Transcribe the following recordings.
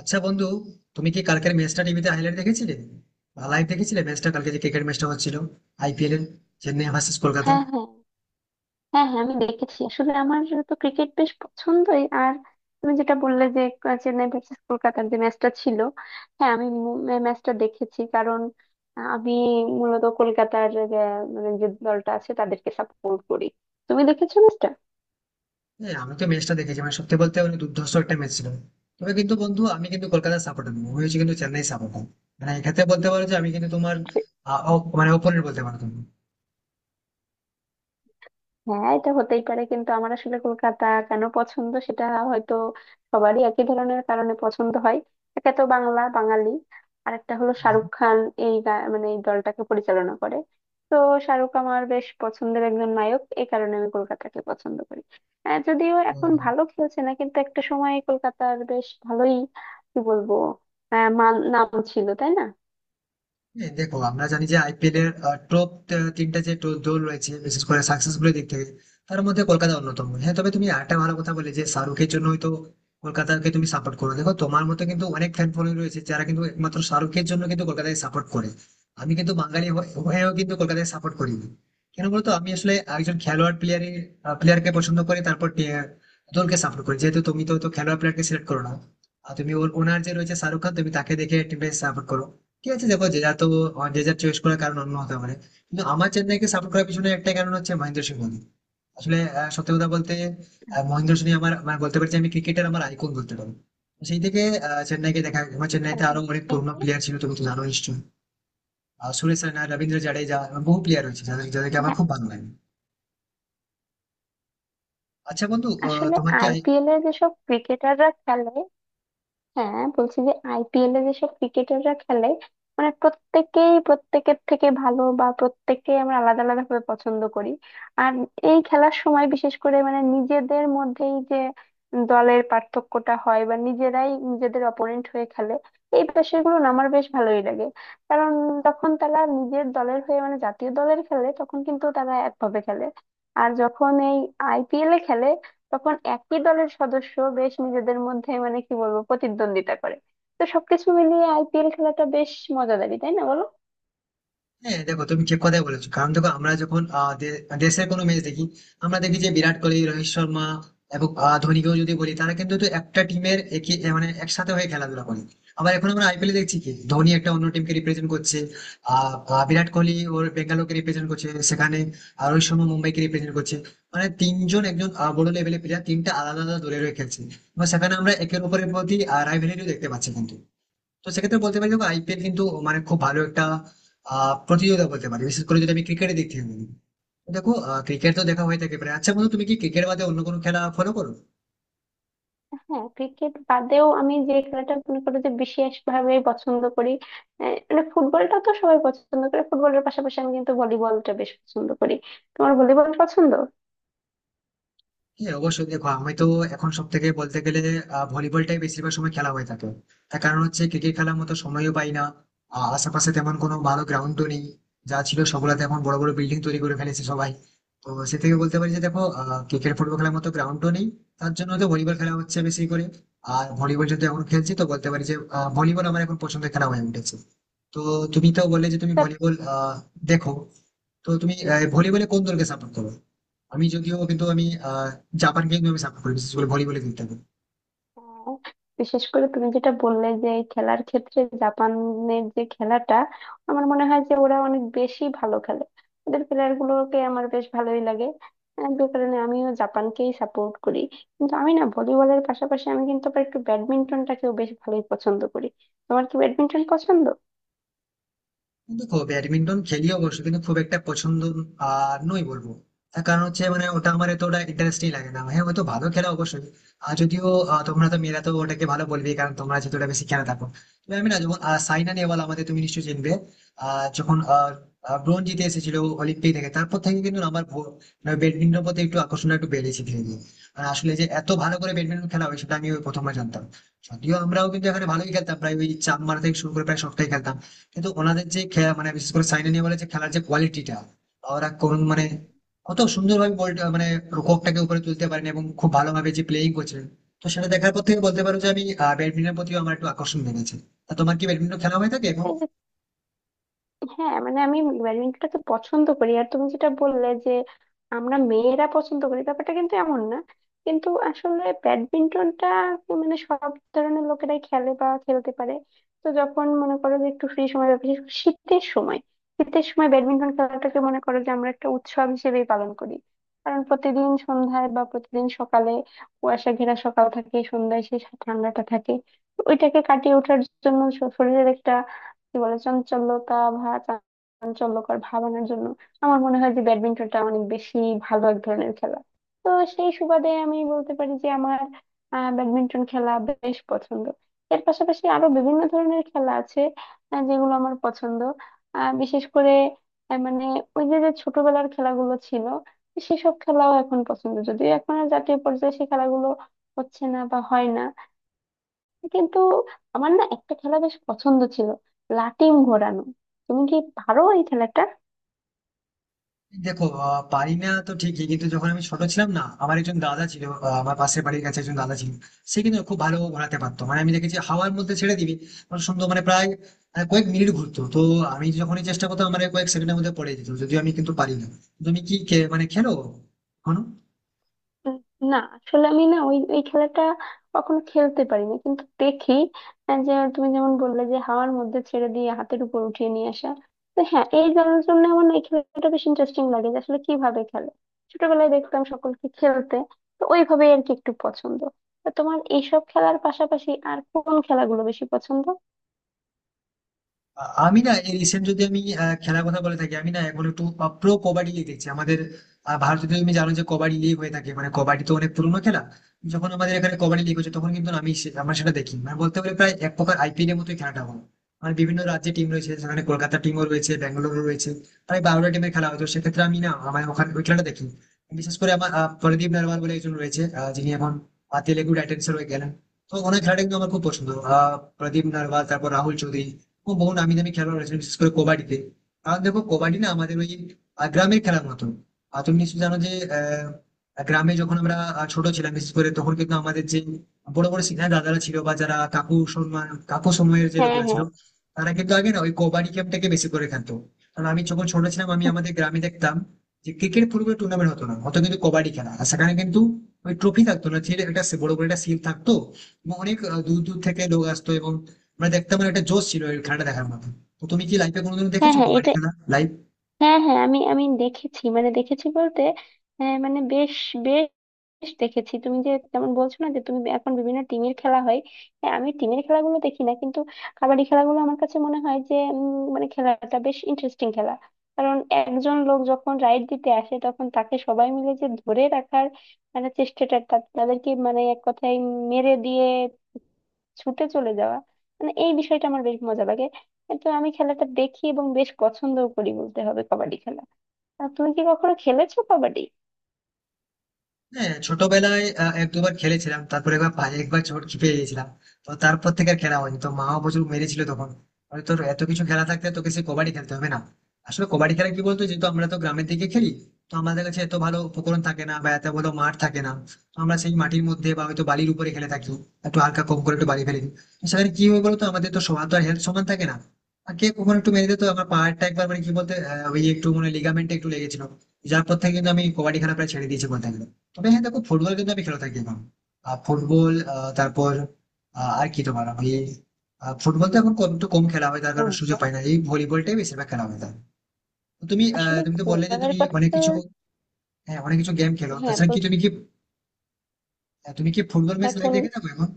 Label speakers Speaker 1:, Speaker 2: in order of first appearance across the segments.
Speaker 1: আচ্ছা বন্ধু, তুমি কি কালকের ম্যাচটা টিভিতে হাইলাইট দেখেছিলে বা লাইভ দেখেছিলে? ম্যাচটা কালকে যে ক্রিকেট ম্যাচটা হচ্ছিল আইপিএল এর, চেন্নাই ভার্সেস কলকাতা।
Speaker 2: হ্যাঁ হ্যাঁ. হ্যাঁ হ্যাঁ, আমি দেখেছি। আসলে আমার তো ক্রিকেট বেশ পছন্দই। আর তুমি যেটা বললে যে চেন্নাই ভার্সেস কলকাতার যে ম্যাচটা ছিল, হ্যাঁ আমি ম্যাচটা দেখেছি। কারণ আমি মূলত কলকাতার, মানে যে দলটা আছে তাদেরকে সাপোর্ট করি। তুমি দেখেছো ম্যাচটা?
Speaker 1: হ্যাঁ আমি তো ম্যাচটা দেখেছি, মানে সত্যি বলতে মানে দুর্ধর্ষ একটা ম্যাচ ছিল। তবে কিন্তু বন্ধু, আমি কিন্তু কলকাতার সাপোর্টার নই, আমি হচ্ছি কিন্তু চেন্নাই সাপোর্টার। মানে এক্ষেত্রে বলতে পারো যে আমি কিন্তু তোমার মানে অপোনেন্ট বলতে পারো তুমি।
Speaker 2: হ্যাঁ, এটা হতেই পারে, কিন্তু আমার আসলে কলকাতা কেন পছন্দ সেটা হয়তো সবারই একই ধরনের কারণে পছন্দ হয়। একে তো বাংলা বাঙালি, আর একটা হলো
Speaker 1: হ্যাঁ,
Speaker 2: শাহরুখ খান মানে এই দলটাকে পরিচালনা করে। তো শাহরুখ আমার বেশ পছন্দের একজন নায়ক, এই কারণে আমি কলকাতাকে পছন্দ করি। যদিও
Speaker 1: তো
Speaker 2: এখন ভালো খেলছে না, কিন্তু একটা সময় কলকাতার বেশ ভালোই, কি বলবো, মান নাম ছিল, তাই না?
Speaker 1: হ্যাঁ, দেখো আমরা জানি যে আইপিএল এর টপ তিনটা যে দল রয়েছে বিশেষ করে সাকসেসফুল দিক থেকে, তার মধ্যে কলকাতা অন্যতম। হ্যাঁ, তবে তুমি একটা ভালো কথা বলে যে শাহরুখের জন্য হয়তো কলকাতাকে তুমি সাপোর্ট করো। দেখো, তোমার মতো কিন্তু অনেক ফ্যান ফলোয়িং রয়েছে যারা কিন্তু একমাত্র শাহরুখের জন্য কিন্তু কলকাতাকে সাপোর্ট করে। আমি কিন্তু বাঙালি হয়েও কিন্তু কলকাতাকে সাপোর্ট করি না। কেন বলতো, আমি আসলে একজন খেলোয়াড় প্লেয়ারকে পছন্দ করি, তারপর দলকে সাপোর্ট করি। যেহেতু তুমি তো হয়তো খেলোয়াড় প্লেয়ারকে সিলেক্ট করো না, আর তুমি ওনার যে রয়েছে শাহরুখ খান, তুমি তাকে দেখে টিমটাকে সাপোর্ট করো। ঠিক আছে, দেখো যে যার তো যে যার চয়েস করার কারণ অন্য হতে পারে, কিন্তু আমার চেন্নাইকে সাপোর্ট করার পিছনে একটাই কারণ হচ্ছে মহেন্দ্র সিং ধোনি। আসলে সত্যি কথা বলতে মহেন্দ্র সিং আমার মানে বলতে পারছি, আমি ক্রিকেটের আমার আইকন বলতে পারো। তো সেই থেকে চেন্নাইকে দেখা, আমার চেন্নাইতে
Speaker 2: আহ,
Speaker 1: আরো অনেক
Speaker 2: এই
Speaker 1: পুরোনো
Speaker 2: যে,
Speaker 1: প্লেয়ার ছিল, তুমি তো জানো নিশ্চয়ই, সুরেশ রায়না, রবীন্দ্র জাডেজা এবং বহু প্লেয়ার রয়েছে যাদের আমার
Speaker 2: হ্যাঁ
Speaker 1: খুব ভালো লাগে। আচ্ছা বন্ধু,
Speaker 2: আসলে
Speaker 1: তোমার কি?
Speaker 2: আইপিএল এর যেসব ক্রিকেটাররা খেলে, হ্যাঁ বলছি যে আইপিএল এ যেসব ক্রিকেটাররা খেলে, মানে প্রত্যেকেই প্রত্যেকের থেকে ভালো, বা প্রত্যেককে আমরা আলাদা আলাদা ভাবে পছন্দ করি। আর এই খেলার সময় বিশেষ করে মানে নিজেদের মধ্যেই যে দলের পার্থক্যটা হয় বা নিজেরাই নিজেদের অপোনেন্ট হয়ে খেলে, এই বিষয়গুলো না আমার বেশ ভালোই লাগে। কারণ তখন তারা নিজের দলের হয়ে মানে জাতীয় দলের খেলে তখন কিন্তু তারা একভাবে খেলে, আর যখন এই আইপিএল এ খেলে তখন একই দলের সদস্য বেশ নিজেদের মধ্যে মানে কি বলবো প্রতিদ্বন্দ্বিতা করে। তো সবকিছু মিলিয়ে আইপিএল খেলাটা বেশ মজাদারি, তাই না বলো?
Speaker 1: হ্যাঁ দেখো তুমি ঠিক কথাই বলেছো, কারণ দেখো আমরা যখন দেশের কোনো ম্যাচ দেখি, আমরা দেখি যে বিরাট কোহলি, রোহিত শর্মা এবং ধোনিকেও যদি বলি, তারা কিন্তু তো একটা টিমের একই এ মানে একসাথে হয়ে খেলাধুলা করে। আবার এখন আমরা আইপিএল দেখছি, কি ধোনি একটা অন্য টিমকে রিপ্রেজেন্ট করছে, আহ আহ, বিরাট কোহলি ওর বেঙ্গালোরকে রিপ্রেজেন্ট করছে সেখানে, আর রোহিত শর্মা মুম্বাইকে রিপ্রেজেন্ট করছে। মানে তিনজন একজন বড় লেভেলের প্লেয়ার তিনটা আলাদা আলাদা দলের হয়ে খেলছে, এবং সেখানে আমরা একের উপরের প্রতি রাইভেলিটিও দেখতে পাচ্ছি কিন্তু। তো সেক্ষেত্রে বলতে পারি, দেখো আইপিএল কিন্তু মানে খুব ভালো একটা প্রতিযোগিতা বলতে পারি, বিশেষ করে যদি আমি ক্রিকেটের দিক থেকে বলি। তো দেখো, ক্রিকেট তো দেখা হয়ে থাকে প্রায়। আচ্ছা বন্ধু, তুমি কি ক্রিকেট বাদে অন্য কোনো খেলা ফলো করো?
Speaker 2: হ্যাঁ, ক্রিকেট বাদেও আমি যে খেলাটা মনে করো যে বিশেষ ভাবে পছন্দ করি, মানে ফুটবলটা তো সবাই পছন্দ করে, ফুটবলের পাশাপাশি আমি কিন্তু ভলিবলটা বেশ পছন্দ করি। তোমার ভলিবল পছন্দ?
Speaker 1: হ্যাঁ অবশ্যই, দেখো আমি তো এখন সব থেকে বলতে গেলে ভলিবলটাই বেশিরভাগ সময় খেলা হয়ে থাকে। তার কারণ হচ্ছে ক্রিকেট খেলার মতো সময়ও পাই না, আশেপাশে তেমন কোনো ভালো গ্রাউন্ডও নেই, যা ছিল সবগুলাতে এখন বড় বড় বিল্ডিং তৈরি করে ফেলেছে সবাই। তো সে থেকে বলতে পারি যে দেখো, ক্রিকেট ফুটবল খেলার মতো গ্রাউন্ডও নেই, তার জন্য তো ভলিবল খেলা হচ্ছে বেশি করে। আর ভলিবল যেহেতু এখন খেলছি, তো বলতে পারি যে ভলিবল আমার এখন পছন্দের খেলা হয়ে উঠেছে। তো তুমি তো বললে যে তুমি ভলিবল দেখো, তো তুমি ভলিবলে কোন দলকে সাপোর্ট করো? আমি যদিও কিন্তু আমি আহ, জাপানকে কিন্তু আমি সাপোর্ট করি, বিশেষ করে ভলিবলে খেলতে।
Speaker 2: আহ, বিশেষ করে তুমি যেটা বললে যে এই খেলার ক্ষেত্রে জাপানের যে খেলাটা, আমার মনে হয় যে ওরা অনেক বেশি ভালো খেলে, ওদের প্লেয়ার গুলোকে আমার বেশ ভালোই লাগে। যে কারণে আমিও জাপানকেই সাপোর্ট করি। কিন্তু আমি না ভলিবলের পাশাপাশি আমি কিন্তু আবার একটু ব্যাডমিন্টনটাকেও বেশ ভালোই পছন্দ করি। তোমার কি ব্যাডমিন্টন পছন্দ?
Speaker 1: দেখো ব্যাডমিন্টন খেলি অবশ্য, কিন্তু খুব একটা পছন্দ আর নই বলবো। তার কারণ হচ্ছে মানে ওটা আমার এতটা ইন্টারেস্টিং লাগে না, হ্যাঁ হয়তো ভালো খেলা অবশ্যই। আর যদিও তোমরা তো মেয়েরা তো ওটাকে ভালো বলবে, কারণ তোমরা যেহেতু ওটা বেশি খেলা থাকো। তবে আমি না যখন সাইনা নেহওয়াল আমাদের, তুমি নিশ্চয়ই চিনবে, যখন ব্রোঞ্জ জিতে এসেছিল অলিম্পিক থেকে, তারপর থেকে কিন্তু আমার ব্যাডমিন্টন প্রতি একটু আকর্ষণ একটু বেড়েছে ধীরে ধীরে। আর আসলে যে এত ভালো করে ব্যাডমিন্টন খেলা হয় সেটা আমি ওই প্রথমবার জানতাম। যদিও আমরাও কিন্তু এখানে ভালোই খেলতাম, প্রায় ওই চাপ মারা থেকে শুরু করে প্রায় সবটাই খেলতাম, কিন্তু ওনাদের যে মানে বিশেষ করে সাইনা নেহওয়ালের যে খেলার যে কোয়ালিটিটা, ওরা কোন মানে কত সুন্দরভাবে বলটা মানে রুককটাকে উপরে তুলতে পারেন এবং খুব ভালোভাবে যে প্লেয়িং করছিলেন। তো সেটা দেখার পর থেকে বলতে পারো যে আমি ব্যাডমিন্টনের প্রতিও আমার একটু আকর্ষণ বেড়েছে। তা তোমার কি ব্যাডমিন্টন খেলা হয়ে থাকে এখন?
Speaker 2: হ্যাঁ মানে আমি ব্যাডমিন্টনটা তো পছন্দ করি, আর তুমি যেটা বললে যে আমরা মেয়েরা পছন্দ করি, ব্যাপারটা কিন্তু এমন না। কিন্তু আসলে ব্যাডমিন্টনটা মানে সব ধরনের লোকেরাই খেলে বা খেলতে পারে। তো যখন মনে করো যে একটু ফ্রি সময় বা বিশেষ করে শীতের সময়, শীতের সময় ব্যাডমিন্টন খেলাটাকে মনে করো যে আমরা একটা উৎসব হিসেবেই পালন করি। কারণ প্রতিদিন সন্ধ্যায় বা প্রতিদিন সকালে কুয়াশা ঘেরা সকাল থাকে, সন্ধ্যায় সেই ঠান্ডাটা থাকে। তো ওইটাকে কাটিয়ে ওঠার জন্য শরীরের একটা কি বলে চাঞ্চল্যতা, ভা চাঞ্চল্যকর ভাব আনার জন্য আমার মনে হয় যে ব্যাডমিন্টনটা অনেক বেশি ভালো এক ধরনের খেলা। তো সেই সুবাদে আমি বলতে পারি যে আমার ব্যাডমিন্টন খেলা বেশ পছন্দ। এর পাশাপাশি আরো বিভিন্ন ধরনের খেলা আছে যেগুলো আমার পছন্দ। বিশেষ করে মানে ওই যে যে ছোটবেলার খেলাগুলো ছিল সেসব খেলাও এখন পছন্দ, যদিও এখন আর জাতীয় পর্যায়ে সেই খেলাগুলো হচ্ছে না বা হয় না। কিন্তু আমার না একটা খেলা বেশ পছন্দ ছিল, লাটিম ঘোরানো। তুমি কি পারো এই খেলাটা?
Speaker 1: দেখো পারি না তো ঠিকই, কিন্তু যখন আমি ছোট ছিলাম না, আমার একজন দাদা ছিল, আমার পাশের বাড়ির কাছে একজন দাদা ছিল। সে কিন্তু খুব ভালো ঘোরাতে পারতো, মানে আমি দেখেছি হাওয়ার মধ্যে ছেড়ে দিবি, মানে সুন্দর মানে প্রায় কয়েক মিনিট ঘুরতো। তো আমি যখনই চেষ্টা করতাম আমার এই কয়েক সেকেন্ডের মধ্যে পড়ে যেত, যদিও আমি কিন্তু পারি না। তুমি কি মানে খেলো এখনো?
Speaker 2: উম, না আসলে আমি না ওই ওই খেলাটা কখনো খেলতে পারিনি, কিন্তু দেখি যে তুমি যেমন বললে যে হাওয়ার মধ্যে ছেড়ে দিয়ে হাতের উপর উঠিয়ে নিয়ে আসা। তো হ্যাঁ এই জানার জন্য আমার না এই খেলাটা বেশ ইন্টারেস্টিং লাগে যে আসলে কিভাবে খেলে। ছোটবেলায় দেখতাম সকলকে খেলতে। তো ওইভাবেই আর কি একটু পছন্দ। তো তোমার এইসব খেলার পাশাপাশি আর কোন খেলাগুলো বেশি পছন্দ?
Speaker 1: আমি না এই রিসেন্ট যদি আমি খেলার কথা বলে থাকি, আমি না এখন একটু প্রো কবাডি লিগ দেখছি আমাদের। ভারতে তো তুমি জানো যে কবাডি লিগ হয়ে থাকে, মানে কবাডি তো অনেক পুরোনো খেলা। যখন আমাদের এখানে কবাডি লিগ হচ্ছে, তখন কিন্তু আমি আমরা সেটা দেখি। মানে বলতে গেলে প্রায় এক প্রকার আইপিএল এর মতোই খেলাটা হয়, মানে বিভিন্ন রাজ্যে টিম রয়েছে, সেখানে কলকাতা টিমও রয়েছে, ব্যাঙ্গালোর রয়েছে, প্রায় বারোটা টিমের খেলা হয়। তো সেক্ষেত্রে আমি না আমার ওখানে ওই খেলাটা দেখি। বিশেষ করে আমার প্রদীপ নারওয়াল বলে একজন রয়েছে, যিনি এখন তেলেগু টাইটান্সের হয়ে গেলেন। তো ওনার খেলাটা কিন্তু আমার খুব পছন্দ, প্রদীপ নারওয়াল, তারপর রাহুল চৌধুরী, এবং বহু নামি দামি খেলোয়াড় রয়েছে বিশেষ করে কবাডিতে। কারণ দেখো, কবাডি না আমাদের ওই গ্রামের খেলার মতো। আর তুমি নিশ্চয়ই জানো যে আহ, গ্রামে যখন আমরা ছোট ছিলাম, বিশেষ করে তখন কিন্তু আমাদের যে বড় বড় সিনিয়র দাদারা ছিল, বা যারা কাকু সম্মান কাকু সময়ের যে
Speaker 2: হ্যাঁ
Speaker 1: লোকেরা ছিল,
Speaker 2: হ্যাঁ.
Speaker 1: তারা কিন্তু আগে না ওই কবাডি গেমটাকে বেশি করে খেলতো। কারণ আমি যখন ছোট ছিলাম, আমি আমাদের গ্রামে দেখতাম যে ক্রিকেট ফুটবল টুর্নামেন্ট হতো না, হতো কিন্তু কবাডি খেলা। আর সেখানে কিন্তু ওই ট্রফি থাকতো না, ছিল একটা বড় বড় একটা শিল থাকতো, এবং অনেক দূর দূর থেকে লোক আসতো, এবং মানে দেখতে মানে একটা জোশ ছিল এই খেলাটা দেখার মতো। তো তুমি কি লাইফে কোনোদিন
Speaker 2: হ্যাঁ
Speaker 1: দেখেছো
Speaker 2: হ্যাঁ
Speaker 1: কবাডি
Speaker 2: এটা,
Speaker 1: খেলা লাইভ?
Speaker 2: হ্যাঁ হ্যাঁ আমি আমি দেখেছি, মানে দেখেছি বলতে মানে বেশ বেশ দেখেছি। তুমি যে যেমন বলছো না যে তুমি এখন বিভিন্ন টিমের খেলা হয়, হ্যাঁ আমি টিমের খেলাগুলো দেখি না, কিন্তু কাবাডি খেলাগুলো আমার কাছে মনে হয় যে মানে খেলাটা বেশ ইন্টারেস্টিং খেলা। কারণ একজন লোক যখন রাইড দিতে আসে তখন তাকে সবাই মিলে যে ধরে রাখার মানে চেষ্টাটা, তাদেরকে মানে এক কথায় মেরে দিয়ে ছুটে চলে যাওয়া, মানে এই বিষয়টা আমার বেশ মজা লাগে। তো আমি খেলাটা দেখি এবং বেশ পছন্দও করি বলতে হবে কাবাডি খেলা। আর তুমি কি কখনো খেলেছো কবাডি?
Speaker 1: হ্যাঁ ছোটবেলায় এক দুবার খেলেছিলাম, তারপরে একবার পায়ে একবার চোট খেপে গেছিলাম। তো তারপর থেকে আর খেলা হয়নি, তো মাও প্রচুর মেরেছিল তখন, বলে, তোর এত কিছু খেলা থাকতে তোকে সে কবাডি খেলতে হবে না। আসলে কবাডি খেলা কি বলতো, যেহেতু আমরা তো গ্রামের দিকে খেলি, তো আমাদের কাছে এত ভালো উপকরণ থাকে না বা এত ভালো মাঠ থাকে না। তো আমরা সেই মাটির মধ্যে বা হয়তো বালির উপরে খেলে থাকি, একটু হালকা কম করে একটু বালি ফেলে দিই। তো সেখানে কি হয় বলতো, আমাদের তো সবার তো হেলথ সমান থাকে না, আর কে কখন একটু মেরে দিত। আমার পাহাড়টা একবার মানে কি বলতে ওই একটু মানে লিগামেন্টে একটু লেগেছিল, যার পর থেকে কিন্তু আমি কবাডি খেলা প্রায় ছেড়ে দিয়েছি বলতে গেলে। তবে হ্যাঁ দেখো, ফুটবল কিন্তু আমি খেলে থাকি এখন। আহ, ফুটবল আহ, তারপর আহ, আর কি তোমার আমি ফুটবল তো এখন কম একটু কম খেলা হয়, তার কারণে সুযোগ
Speaker 2: ফুটবল,
Speaker 1: পাই না, এই ভলিবলটাই বেশিরভাগ খেলা হয় তার। তো তুমি
Speaker 2: আসলে
Speaker 1: তুমি তো বললে যে
Speaker 2: ফুটবলের
Speaker 1: তুমি
Speaker 2: কথা
Speaker 1: অনেক
Speaker 2: তো
Speaker 1: কিছু, হ্যাঁ অনেক কিছু গেম খেলো,
Speaker 2: হ্যাঁ
Speaker 1: তাছাড়া কি
Speaker 2: বলছি।
Speaker 1: তুমি কি তুমি কি ফুটবল ম্যাচ লাইভ
Speaker 2: এখন?
Speaker 1: দেখে থাকো এখন?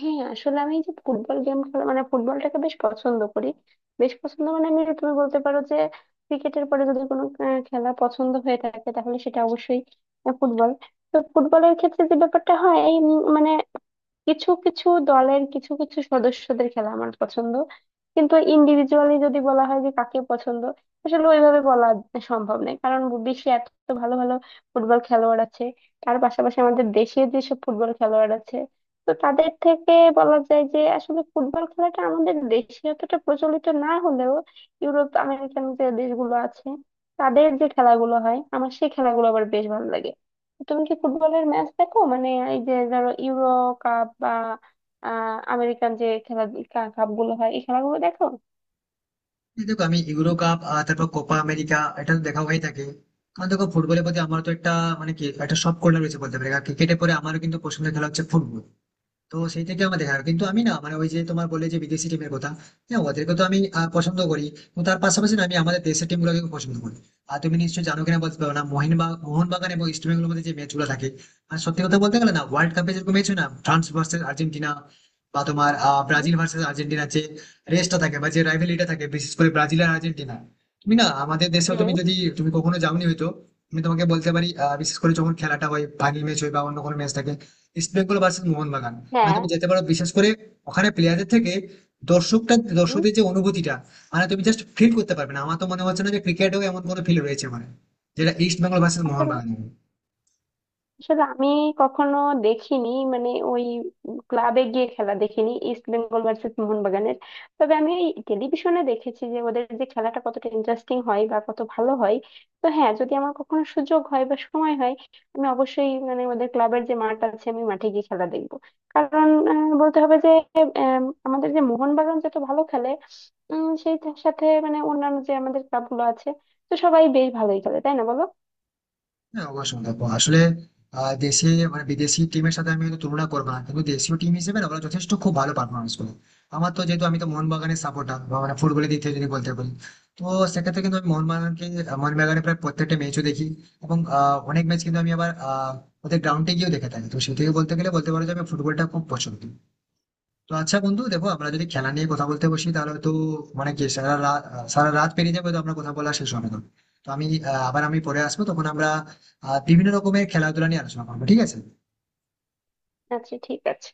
Speaker 2: হ্যাঁ আসলে আমি যে ফুটবল গেম খেলা মানে ফুটবলটাকে বেশ পছন্দ করি। বেশ পছন্দ মানে আমি, তুমি বলতে পারো যে ক্রিকেটের পরে যদি কোনো খেলা পছন্দ হয়ে থাকে তাহলে সেটা অবশ্যই ফুটবল। তো ফুটবলের ক্ষেত্রে যে ব্যাপারটা হয় এই মানে কিছু কিছু দলের কিছু কিছু সদস্যদের খেলা আমার পছন্দ, কিন্তু ইন্ডিভিজুয়ালি যদি বলা হয় যে কাকে পছন্দ, আসলে ওইভাবে বলা সম্ভব নয়। কারণ বিশ্বে এত ভালো ভালো ফুটবল খেলোয়াড় আছে, তার পাশাপাশি আমাদের দেশে যেসব ফুটবল খেলোয়াড় আছে, তো তাদের থেকে বলা যায় যে আসলে ফুটবল খেলাটা আমাদের দেশে অতটা প্রচলিত না হলেও ইউরোপ আমেরিকান যে দেশগুলো আছে তাদের যে খেলাগুলো হয়, আমার সেই খেলাগুলো আবার বেশ ভালো লাগে। তুমি কি ফুটবলের ম্যাচ দেখো? মানে এই যে ধরো ইউরো কাপ বা আমেরিকান যে খেলা কাপ গুলো হয়, এই খেলাগুলো দেখো?
Speaker 1: এই দেখো আমি ইউরো কাপ তারপর কোপা আমেরিকা, এটা তো দেখা হয়ে থাকে। কারণ দেখো ফুটবলের প্রতি আমার তো একটা মানে কি একটা সব কল্লা রয়েছে বলতে পারি, ক্রিকেটের পরে আমারও কিন্তু পছন্দের খেলা হচ্ছে ফুটবল। তো সেই থেকে আমার দেখা, কিন্তু আমি না মানে ওই যে তোমার বলে যে বিদেশি টিমের কথা, হ্যাঁ ওদেরকে তো আমি পছন্দ করি, এবং তার পাশাপাশি না আমি আমাদের দেশের টিম গুলোকে পছন্দ করি। আর তুমি নিশ্চয়ই জানো কিনা বলতে পারো না, মোহনবাগান এবং ইস্ট বেঙ্গলের মধ্যে যে ম্যাচ গুলো থাকে, আর সত্যি কথা বলতে গেলে না, ওয়ার্ল্ড কাপে যেরকম ম্যাচ হয় না, ফ্রান্স ভার্সেস আর্জেন্টিনা বা তোমার
Speaker 2: হুম.
Speaker 1: ব্রাজিল ভার্সেস আর্জেন্টিনা, যে রেসটা থাকে বা যে রাইভেলিটা থাকে, বিশেষ করে ব্রাজিল আর আর্জেন্টিনা। তুমি না আমাদের দেশেও, তুমি
Speaker 2: হুম.
Speaker 1: যদি তুমি কখনো যাওনি হয়তো, আমি তোমাকে বলতে পারি বিশেষ করে যখন খেলাটা হয়, ফাইনাল ম্যাচ হয় বা অন্য কোনো ম্যাচ থাকে, ইস্ট বেঙ্গল ভার্সেস মোহনবাগান, মানে
Speaker 2: হ্যাঁ.
Speaker 1: তুমি যেতে পারো। বিশেষ করে ওখানে প্লেয়ারদের থেকে
Speaker 2: হুম,
Speaker 1: দর্শকদের যে অনুভূতিটা, মানে তুমি জাস্ট ফিল করতে পারবে না। আমার তো মনে হচ্ছে না যে ক্রিকেটেও এমন কোনো ফিল রয়েছে, মানে যেটা ইস্ট বেঙ্গল ভার্সেস মোহনবাগান।
Speaker 2: আসলে আমি কখনো দেখিনি, মানে ওই ক্লাবে গিয়ে খেলা দেখিনি, ইস্ট বেঙ্গল ভার্সেস মোহনবাগানের। তবে আমি ওই টেলিভিশনে দেখেছি যে ওদের যে খেলাটা কতটা ইন্টারেস্টিং হয় বা কত ভালো হয়। তো হ্যাঁ যদি আমার কখনো সুযোগ হয় বা সময় হয়, আমি অবশ্যই মানে ওদের ক্লাবের যে মাঠ আছে আমি মাঠে গিয়ে খেলা দেখবো। কারণ বলতে হবে যে আমাদের যে মোহনবাগান যত ভালো খেলে, সেই তার সাথে মানে অন্যান্য যে আমাদের ক্লাবগুলো আছে, তো সবাই বেশ ভালোই খেলে, তাই না বলো?
Speaker 1: হ্যাঁ অবশ্যই দেখো, আসলে দেশে মানে বিদেশি টিমের সাথে আমি হয়তো তুলনা করবো না, কিন্তু দেশীয় টিম হিসেবে না, ওরা যথেষ্ট খুব ভালো পারফরমেন্স করে। আমার তো, যেহেতু আমি তো মোহনবাগানের সাপোর্টার, মানে ফুটবলের দিক থেকে যদি বলতে পারি, তো সেক্ষেত্রে কিন্তু আমি মোহনবাগানকে, মোহনবাগানের প্রায় প্রত্যেকটা ম্যাচও দেখি। এবং অনেক ম্যাচ কিন্তু আমি আবার ওদের গ্রাউন্ডে গিয়েও দেখে থাকি। তো সেই থেকে বলতে গেলে বলতে পারো যে আমি ফুটবলটা খুব পছন্দ। তো আচ্ছা বন্ধু, দেখো আমরা যদি খেলা নিয়ে কথা বলতে বসি তাহলে তো মানে কি সারা রাত, পেরিয়ে যাবে, তো আমরা কথা বলা শেষ হবে না। তো আমি আবার আমি পরে আসবো, তখন আমরা বিভিন্ন রকমের খেলাধুলা নিয়ে আলোচনা করবো, ঠিক আছে।
Speaker 2: আচ্ছা ঠিক আছে।